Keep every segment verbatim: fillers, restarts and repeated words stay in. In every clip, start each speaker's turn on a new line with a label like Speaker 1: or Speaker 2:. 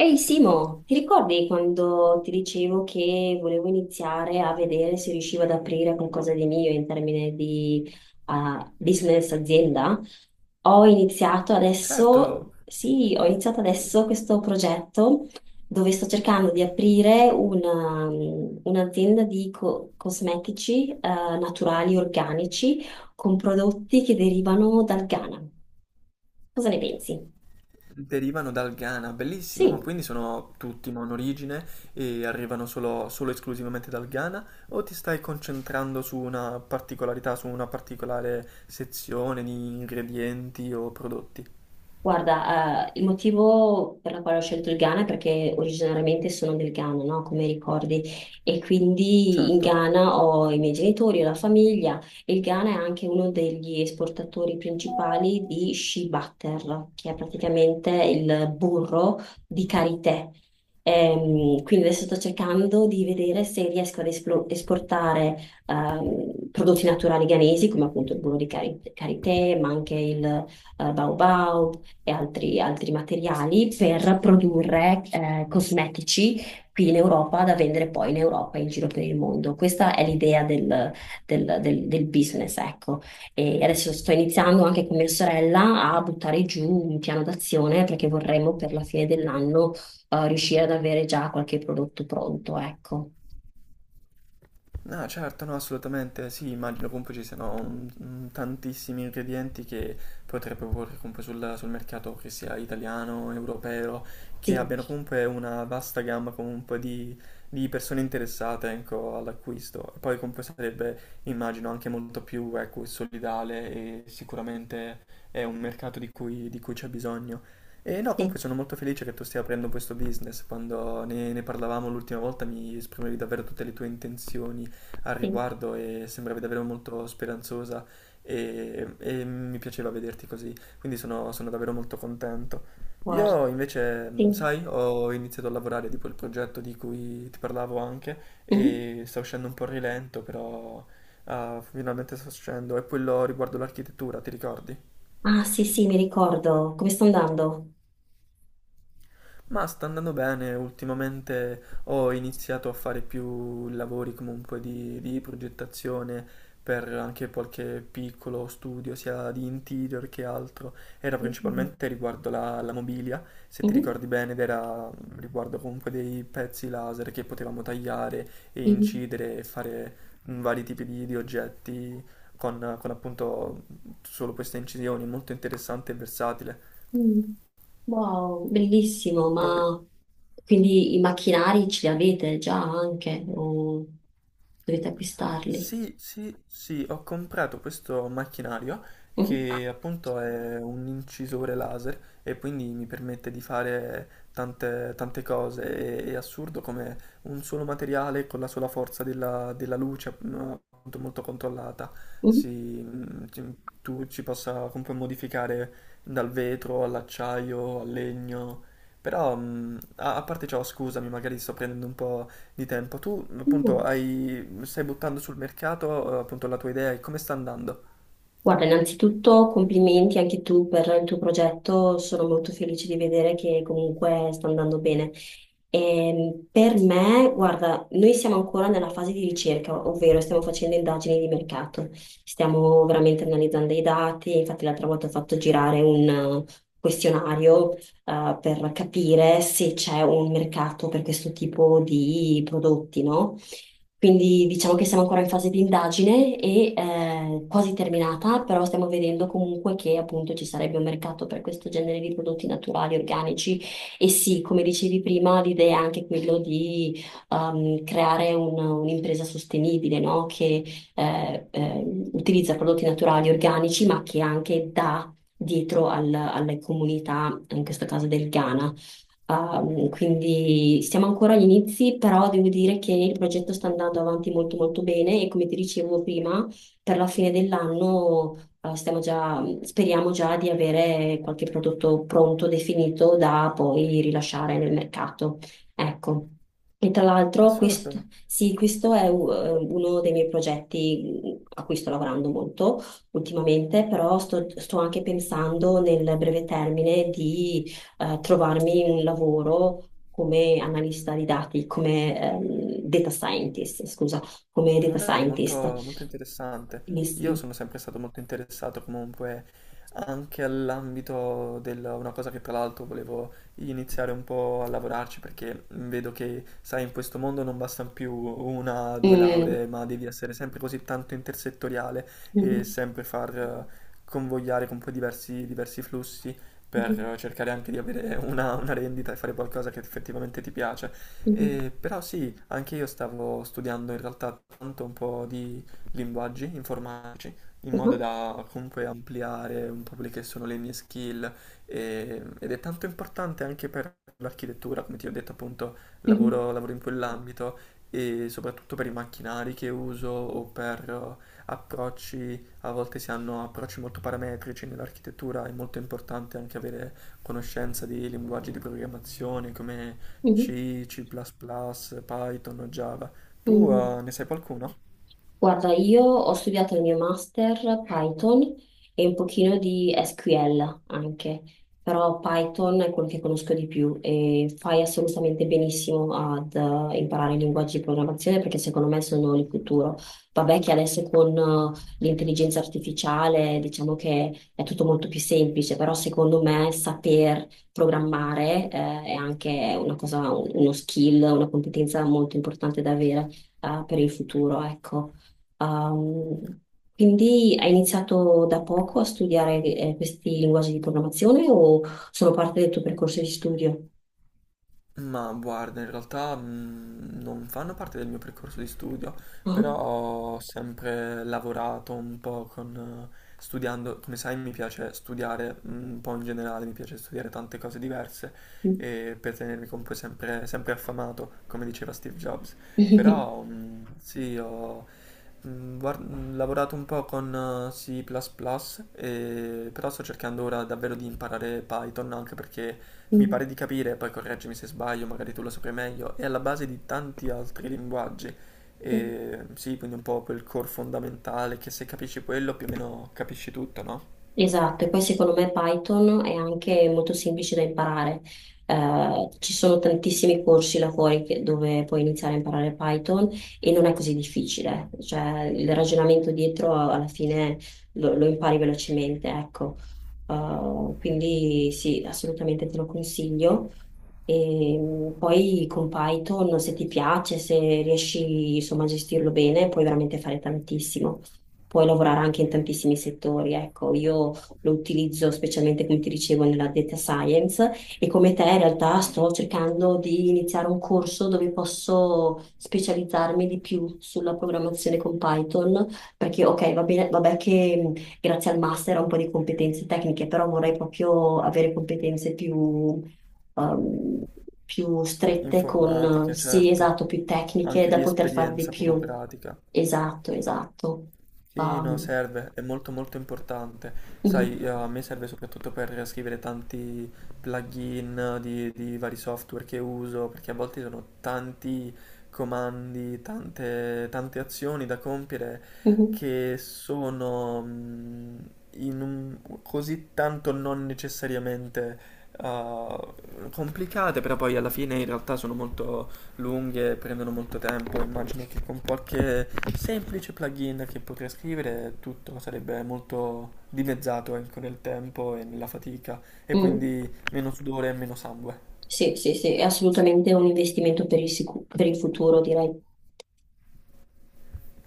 Speaker 1: Ehi Simo, ti ricordi quando ti dicevo che volevo iniziare a vedere se riuscivo ad aprire qualcosa di mio in termini di eh, business azienda? Ho iniziato adesso,
Speaker 2: Certo,
Speaker 1: sì, ho iniziato adesso questo progetto dove sto cercando di aprire una, un'azienda di co- cosmetici eh, naturali, organici, con prodotti che derivano dal Ghana. Cosa ne pensi?
Speaker 2: derivano dal Ghana, bellissimo, ma
Speaker 1: Sì.
Speaker 2: quindi sono tutti monorigine e arrivano solo, solo esclusivamente dal Ghana? O ti stai concentrando su una particolarità, su una particolare sezione di ingredienti o prodotti?
Speaker 1: Guarda, eh, il motivo per la quale ho scelto il Ghana è perché originariamente sono del Ghana, no? Come ricordi. E quindi in
Speaker 2: Certo.
Speaker 1: Ghana ho i miei genitori, ho la famiglia. E il Ghana è anche uno degli esportatori principali di shea butter, che è praticamente il burro di karité. Ehm, quindi adesso sto cercando di vedere se riesco ad esplo- esportare ehm, prodotti naturali ghanesi, come appunto il burro di cari- karité, ma anche il eh, baobao, e altri, altri materiali per produrre eh, cosmetici qui in Europa da vendere poi in Europa e in giro per il mondo. Questa è l'idea del, del- del- del business, ecco. E adesso sto iniziando anche con mia sorella a buttare giù un piano d'azione perché vorremmo per la fine dell'anno eh, riuscire ad avere già qualche prodotto pronto, ecco.
Speaker 2: No, certo, no, assolutamente, sì, immagino comunque ci siano un- un tantissimi ingredienti che potrei proporre comunque sul, sul mercato, che sia italiano, europeo, che
Speaker 1: Sì,
Speaker 2: abbiano comunque una vasta gamma comunque di, di persone interessate, ecco, all'acquisto. E poi comunque sarebbe, immagino, anche molto più, ecco, solidale e sicuramente è un mercato di cui, di cui c'è bisogno. E no, comunque
Speaker 1: sì,
Speaker 2: sono molto felice che tu stia aprendo questo business. Quando ne, ne parlavamo l'ultima volta mi esprimevi davvero tutte le tue intenzioni al
Speaker 1: sì,
Speaker 2: riguardo e sembravi davvero molto speranzosa e, e mi piaceva vederti così, quindi sono, sono davvero molto contento.
Speaker 1: guarda,
Speaker 2: Io invece, mh,
Speaker 1: sì.
Speaker 2: sai, ho iniziato a lavorare tipo il progetto di cui ti parlavo anche
Speaker 1: Mhm.
Speaker 2: e sta uscendo un po' a rilento, però ah, finalmente sta uscendo, è quello riguardo l'architettura, ti ricordi?
Speaker 1: Ah, sì, sì, mi ricordo. Come sto andando?
Speaker 2: Ma sta andando bene, ultimamente ho iniziato a fare più lavori comunque di, di progettazione per anche qualche piccolo studio, sia di interior che altro. Era
Speaker 1: Mhm.
Speaker 2: principalmente riguardo la, la mobilia, se ti
Speaker 1: Mhm.
Speaker 2: ricordi bene, ed era mm, riguardo comunque dei pezzi laser che potevamo tagliare e
Speaker 1: Mhm.
Speaker 2: incidere e fare mm, vari tipi di, di oggetti con, con appunto solo queste incisioni, molto interessante e versatile.
Speaker 1: Mm. Wow, bellissimo,
Speaker 2: Poi
Speaker 1: ma quindi i macchinari ce li avete già anche o dovete acquistarli?
Speaker 2: sì, sì, sì, ho comprato questo macchinario che appunto è un incisore laser e quindi mi permette di fare tante, tante cose. È, è assurdo come un solo materiale con la sola forza della, della luce, mm, appunto molto controllata,
Speaker 1: Mhm.
Speaker 2: si, mm, ci- tu ci possa comunque modificare dal vetro all'acciaio, al legno. Però, mm, a, a parte ciò, scusami, magari sto prendendo un po' di tempo. Tu appunto
Speaker 1: Mhm.
Speaker 2: hai, stai buttando sul mercato eh, appunto la tua idea e come sta andando?
Speaker 1: Guarda, innanzitutto complimenti anche tu per il tuo progetto, sono molto felice di vedere che comunque sta andando bene. Ehm, per me, guarda, noi siamo ancora nella fase di ricerca, ovvero stiamo facendo indagini di mercato, stiamo veramente analizzando i dati, infatti l'altra volta ho fatto girare un eh, questionario eh, per capire se c'è un mercato per questo tipo di prodotti, no? Quindi diciamo che siamo ancora in fase di indagine e eh, quasi terminata, però stiamo vedendo comunque che appunto ci sarebbe un mercato per questo genere di prodotti naturali, organici. E sì, come dicevi prima, l'idea è anche quello di ehm, creare un- un'impresa sostenibile, no? Che eh, eh, utilizza prodotti naturali, organici, ma che anche dà dietro al- alle comunità, in questo caso del Ghana. Ehm, quindi siamo ancora agli inizi, però devo dire che il progetto sta andando avanti molto molto bene e come ti dicevo prima, per la fine dell'anno, eh, stiamo già- speriamo già di avere qualche prodotto pronto, definito, da poi rilasciare nel mercato. Ecco. E tra l'altro questo,
Speaker 2: Assurdo.
Speaker 1: sì, questo è u- eh, uno dei miei progetti a cui sto lavorando molto ultimamente, però sto, sto anche pensando nel breve termine di eh, trovarmi un lavoro come analista di dati, come ehm, data scientist, scusa, come
Speaker 2: Ma
Speaker 1: data
Speaker 2: dai, molto,
Speaker 1: scientist.
Speaker 2: molto interessante.
Speaker 1: Quindi
Speaker 2: Io
Speaker 1: sì.
Speaker 2: sono sempre stato molto interessato comunque anche all'ambito del... Una cosa che tra l'altro volevo iniziare un po' a lavorarci perché vedo che, sai, in questo mondo non bastano più una o due
Speaker 1: Mm.
Speaker 2: lauree, ma devi essere sempre così tanto intersettoriale e
Speaker 1: Mhm.
Speaker 2: sempre far eh, convogliare con poi diversi, diversi flussi per
Speaker 1: Mhm.
Speaker 2: eh, cercare anche di avere una, una rendita e fare qualcosa che effettivamente ti piace.
Speaker 1: Mhm.
Speaker 2: Eh, però sì, anche io stavo studiando in realtà tanto un po' di linguaggi informatici, in modo da comunque ampliare un po' quelle che sono le mie skill e- ed è tanto importante anche per l'architettura, come ti ho detto appunto,
Speaker 1: Mhm.
Speaker 2: lavoro, lavoro in quell'ambito e soprattutto per i macchinari che uso o per eh, approcci, a volte si hanno approcci molto parametrici nell'architettura, è molto importante anche avere conoscenza di linguaggi di programmazione come
Speaker 1: Mhm.
Speaker 2: C, C++, Python, o Java. Tu
Speaker 1: Mhm.
Speaker 2: eh,
Speaker 1: Mhm.
Speaker 2: ne sai qualcuno?
Speaker 1: Guarda, io ho studiato il mio master Python e un pochino di SQL anche, però Python è quello che conosco di più e fai assolutamente benissimo ad eh, imparare i linguaggi di programmazione perché secondo me sono il futuro. Vabbè che adesso con eh, l'intelligenza artificiale diciamo che è tutto molto più semplice, però secondo me saper programmare eh, è anche una cosa, uno skill, una competenza molto importante da avere eh, per il futuro, ecco. Ehm, quindi hai iniziato da poco a studiare eh, questi linguaggi di programmazione o sono parte del tuo percorso di studio?
Speaker 2: Ma guarda, in realtà mh, non fanno parte del mio percorso di studio,
Speaker 1: Ah.
Speaker 2: però ho sempre lavorato un po' con, eh, studiando, come sai mi piace studiare mh, un po' in generale, mi piace studiare tante cose diverse e per tenermi comunque sempre, sempre affamato, come diceva Steve Jobs. Però mh, sì, ho mh, guard- mh, lavorato un po' con eh, C++, e, però sto cercando ora davvero di imparare Python anche perché mi
Speaker 1: Mm.
Speaker 2: pare di capire, poi correggimi se sbaglio, magari tu lo saprai meglio, è alla base di tanti altri linguaggi. E, sì, quindi un po' quel core fondamentale che se capisci quello più o meno capisci tutto, no?
Speaker 1: Esatto, e poi secondo me Python è anche molto semplice da imparare. Eh, ci sono tantissimi corsi là fuori che- dove puoi iniziare a imparare Python e non è così difficile, cioè il ragionamento dietro alla fine lo, lo impari velocemente, ecco. Eh, quindi sì, assolutamente te lo consiglio. E mh, poi con Python, se ti piace, se riesci insomma a gestirlo bene, puoi veramente fare tantissimo, puoi lavorare anche in tantissimi settori. Ecco, io lo utilizzo specialmente, come ti dicevo, nella data science e come te in realtà sto cercando di iniziare un corso dove posso specializzarmi di più sulla programmazione con Python, perché ok, va bene, vabbè che mh, grazie al master ho un po' di competenze tecniche, però vorrei proprio avere competenze più... ehm, più strette con,
Speaker 2: Informatica,
Speaker 1: sì,
Speaker 2: certo,
Speaker 1: esatto, più tecniche
Speaker 2: anche
Speaker 1: da
Speaker 2: di
Speaker 1: poter fare di
Speaker 2: esperienza proprio
Speaker 1: più.
Speaker 2: pratica.
Speaker 1: Esatto, esatto.
Speaker 2: Sì, no,
Speaker 1: Um,
Speaker 2: serve, è molto molto importante.
Speaker 1: mhm,
Speaker 2: Sai, eh, a me serve soprattutto per scrivere tanti plugin di, di vari software che uso, perché a volte sono tanti comandi, tante, tante azioni da compiere
Speaker 1: mhm,
Speaker 2: che sono mm, in un- così tanto non necessariamente uh, complicate, però poi alla fine in realtà sono molto lunghe prendono molto tempo, immagino che con qualche semplice plugin che potrei scrivere tutto sarebbe molto dimezzato ecco, nel tempo e nella fatica e
Speaker 1: mm.
Speaker 2: quindi meno sudore e meno sangue.
Speaker 1: Sì, sì, sì, è assolutamente un investimento per il, sicu- per il futuro, direi.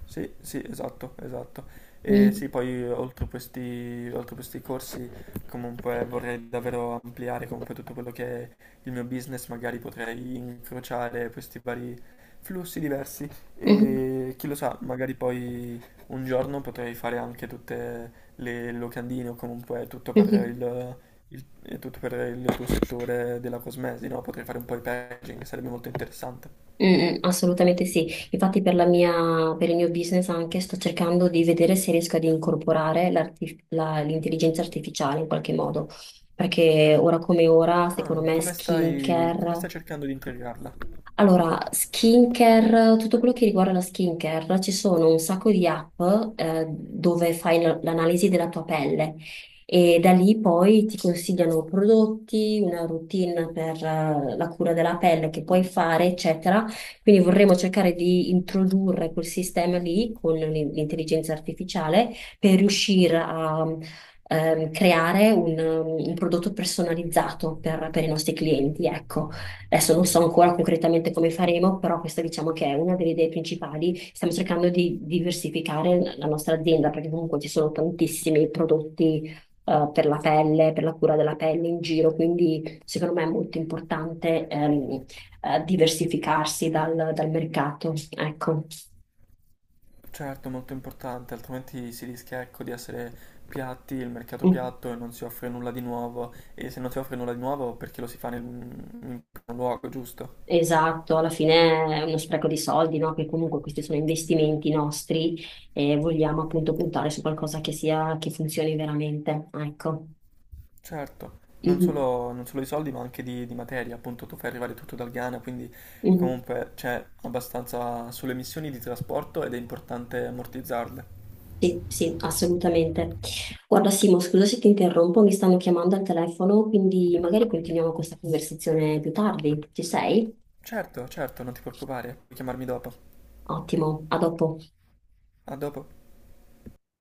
Speaker 2: Sì, sì, esatto, esatto. E sì,
Speaker 1: Mm,
Speaker 2: poi oltre questi, oltre questi corsi comunque vorrei davvero ampliare comunque tutto quello che è il mio business, magari potrei incrociare questi vari flussi diversi
Speaker 1: mhm,
Speaker 2: e chi lo sa, magari poi un giorno potrei fare anche tutte le locandine o comunque tutto per
Speaker 1: mhm,
Speaker 2: il, il- eh, tutto per il tuo settore della cosmesi, no? Potrei fare un po' di packaging, sarebbe molto interessante.
Speaker 1: mm, mm, assolutamente sì. Infatti per la mia- per il mio business anche sto cercando di vedere se riesco ad incorporare l'arti- la- l'intelligenza artificiale in qualche modo, perché ora come ora,
Speaker 2: Ah,
Speaker 1: secondo me,
Speaker 2: come stai, come
Speaker 1: skincare.
Speaker 2: stai cercando di integrarla?
Speaker 1: Allora, skincare, tutto quello che riguarda la skincare, ci sono un sacco di app eh, dove fai l- l'analisi della tua pelle e da lì poi ti consigliano prodotti, una routine per eh, la cura della pelle che puoi fare, eccetera. Quindi vorremmo cercare di introdurre quel sistema lì con l'in- l'intelligenza artificiale per riuscire a ehm, creare un, un prodotto personalizzato per, per i nostri clienti, ecco. Adesso non so ancora concretamente come faremo, però questa diciamo che è una delle idee principali. Stiamo cercando di diversificare la nostra azienda perché comunque ci sono tantissimi prodotti eh, per la pelle, per la cura della pelle in giro, quindi secondo me è molto importante ehm, eh, diversificarsi dal, dal mercato. Ecco.
Speaker 2: Certo, molto importante, altrimenti si rischia, ecco, di essere piatti, il mercato
Speaker 1: Mm.
Speaker 2: piatto e non si offre nulla di nuovo. E se non si offre nulla di nuovo, perché lo si fa nel, in primo luogo, giusto?
Speaker 1: Esatto, alla fine è uno spreco di soldi, no? Che comunque questi sono investimenti nostri e vogliamo appunto puntare su qualcosa che sia, che funzioni veramente. Ecco.
Speaker 2: Certo, non
Speaker 1: Mhm,
Speaker 2: solo, non solo di soldi, ma anche di, di materia. Appunto, tu fai arrivare tutto dal Ghana, quindi
Speaker 1: mhm.
Speaker 2: comunque c'è abbastanza sulle emissioni di trasporto ed è importante ammortizzarle.
Speaker 1: Sì, sì, assolutamente. Guarda, Simo, scusa se ti interrompo, mi stanno chiamando al telefono, quindi magari continuiamo questa conversazione più tardi. Ci sei?
Speaker 2: Certo, certo, non ti preoccupare, puoi chiamarmi dopo.
Speaker 1: Ottimo, a dopo.
Speaker 2: A dopo.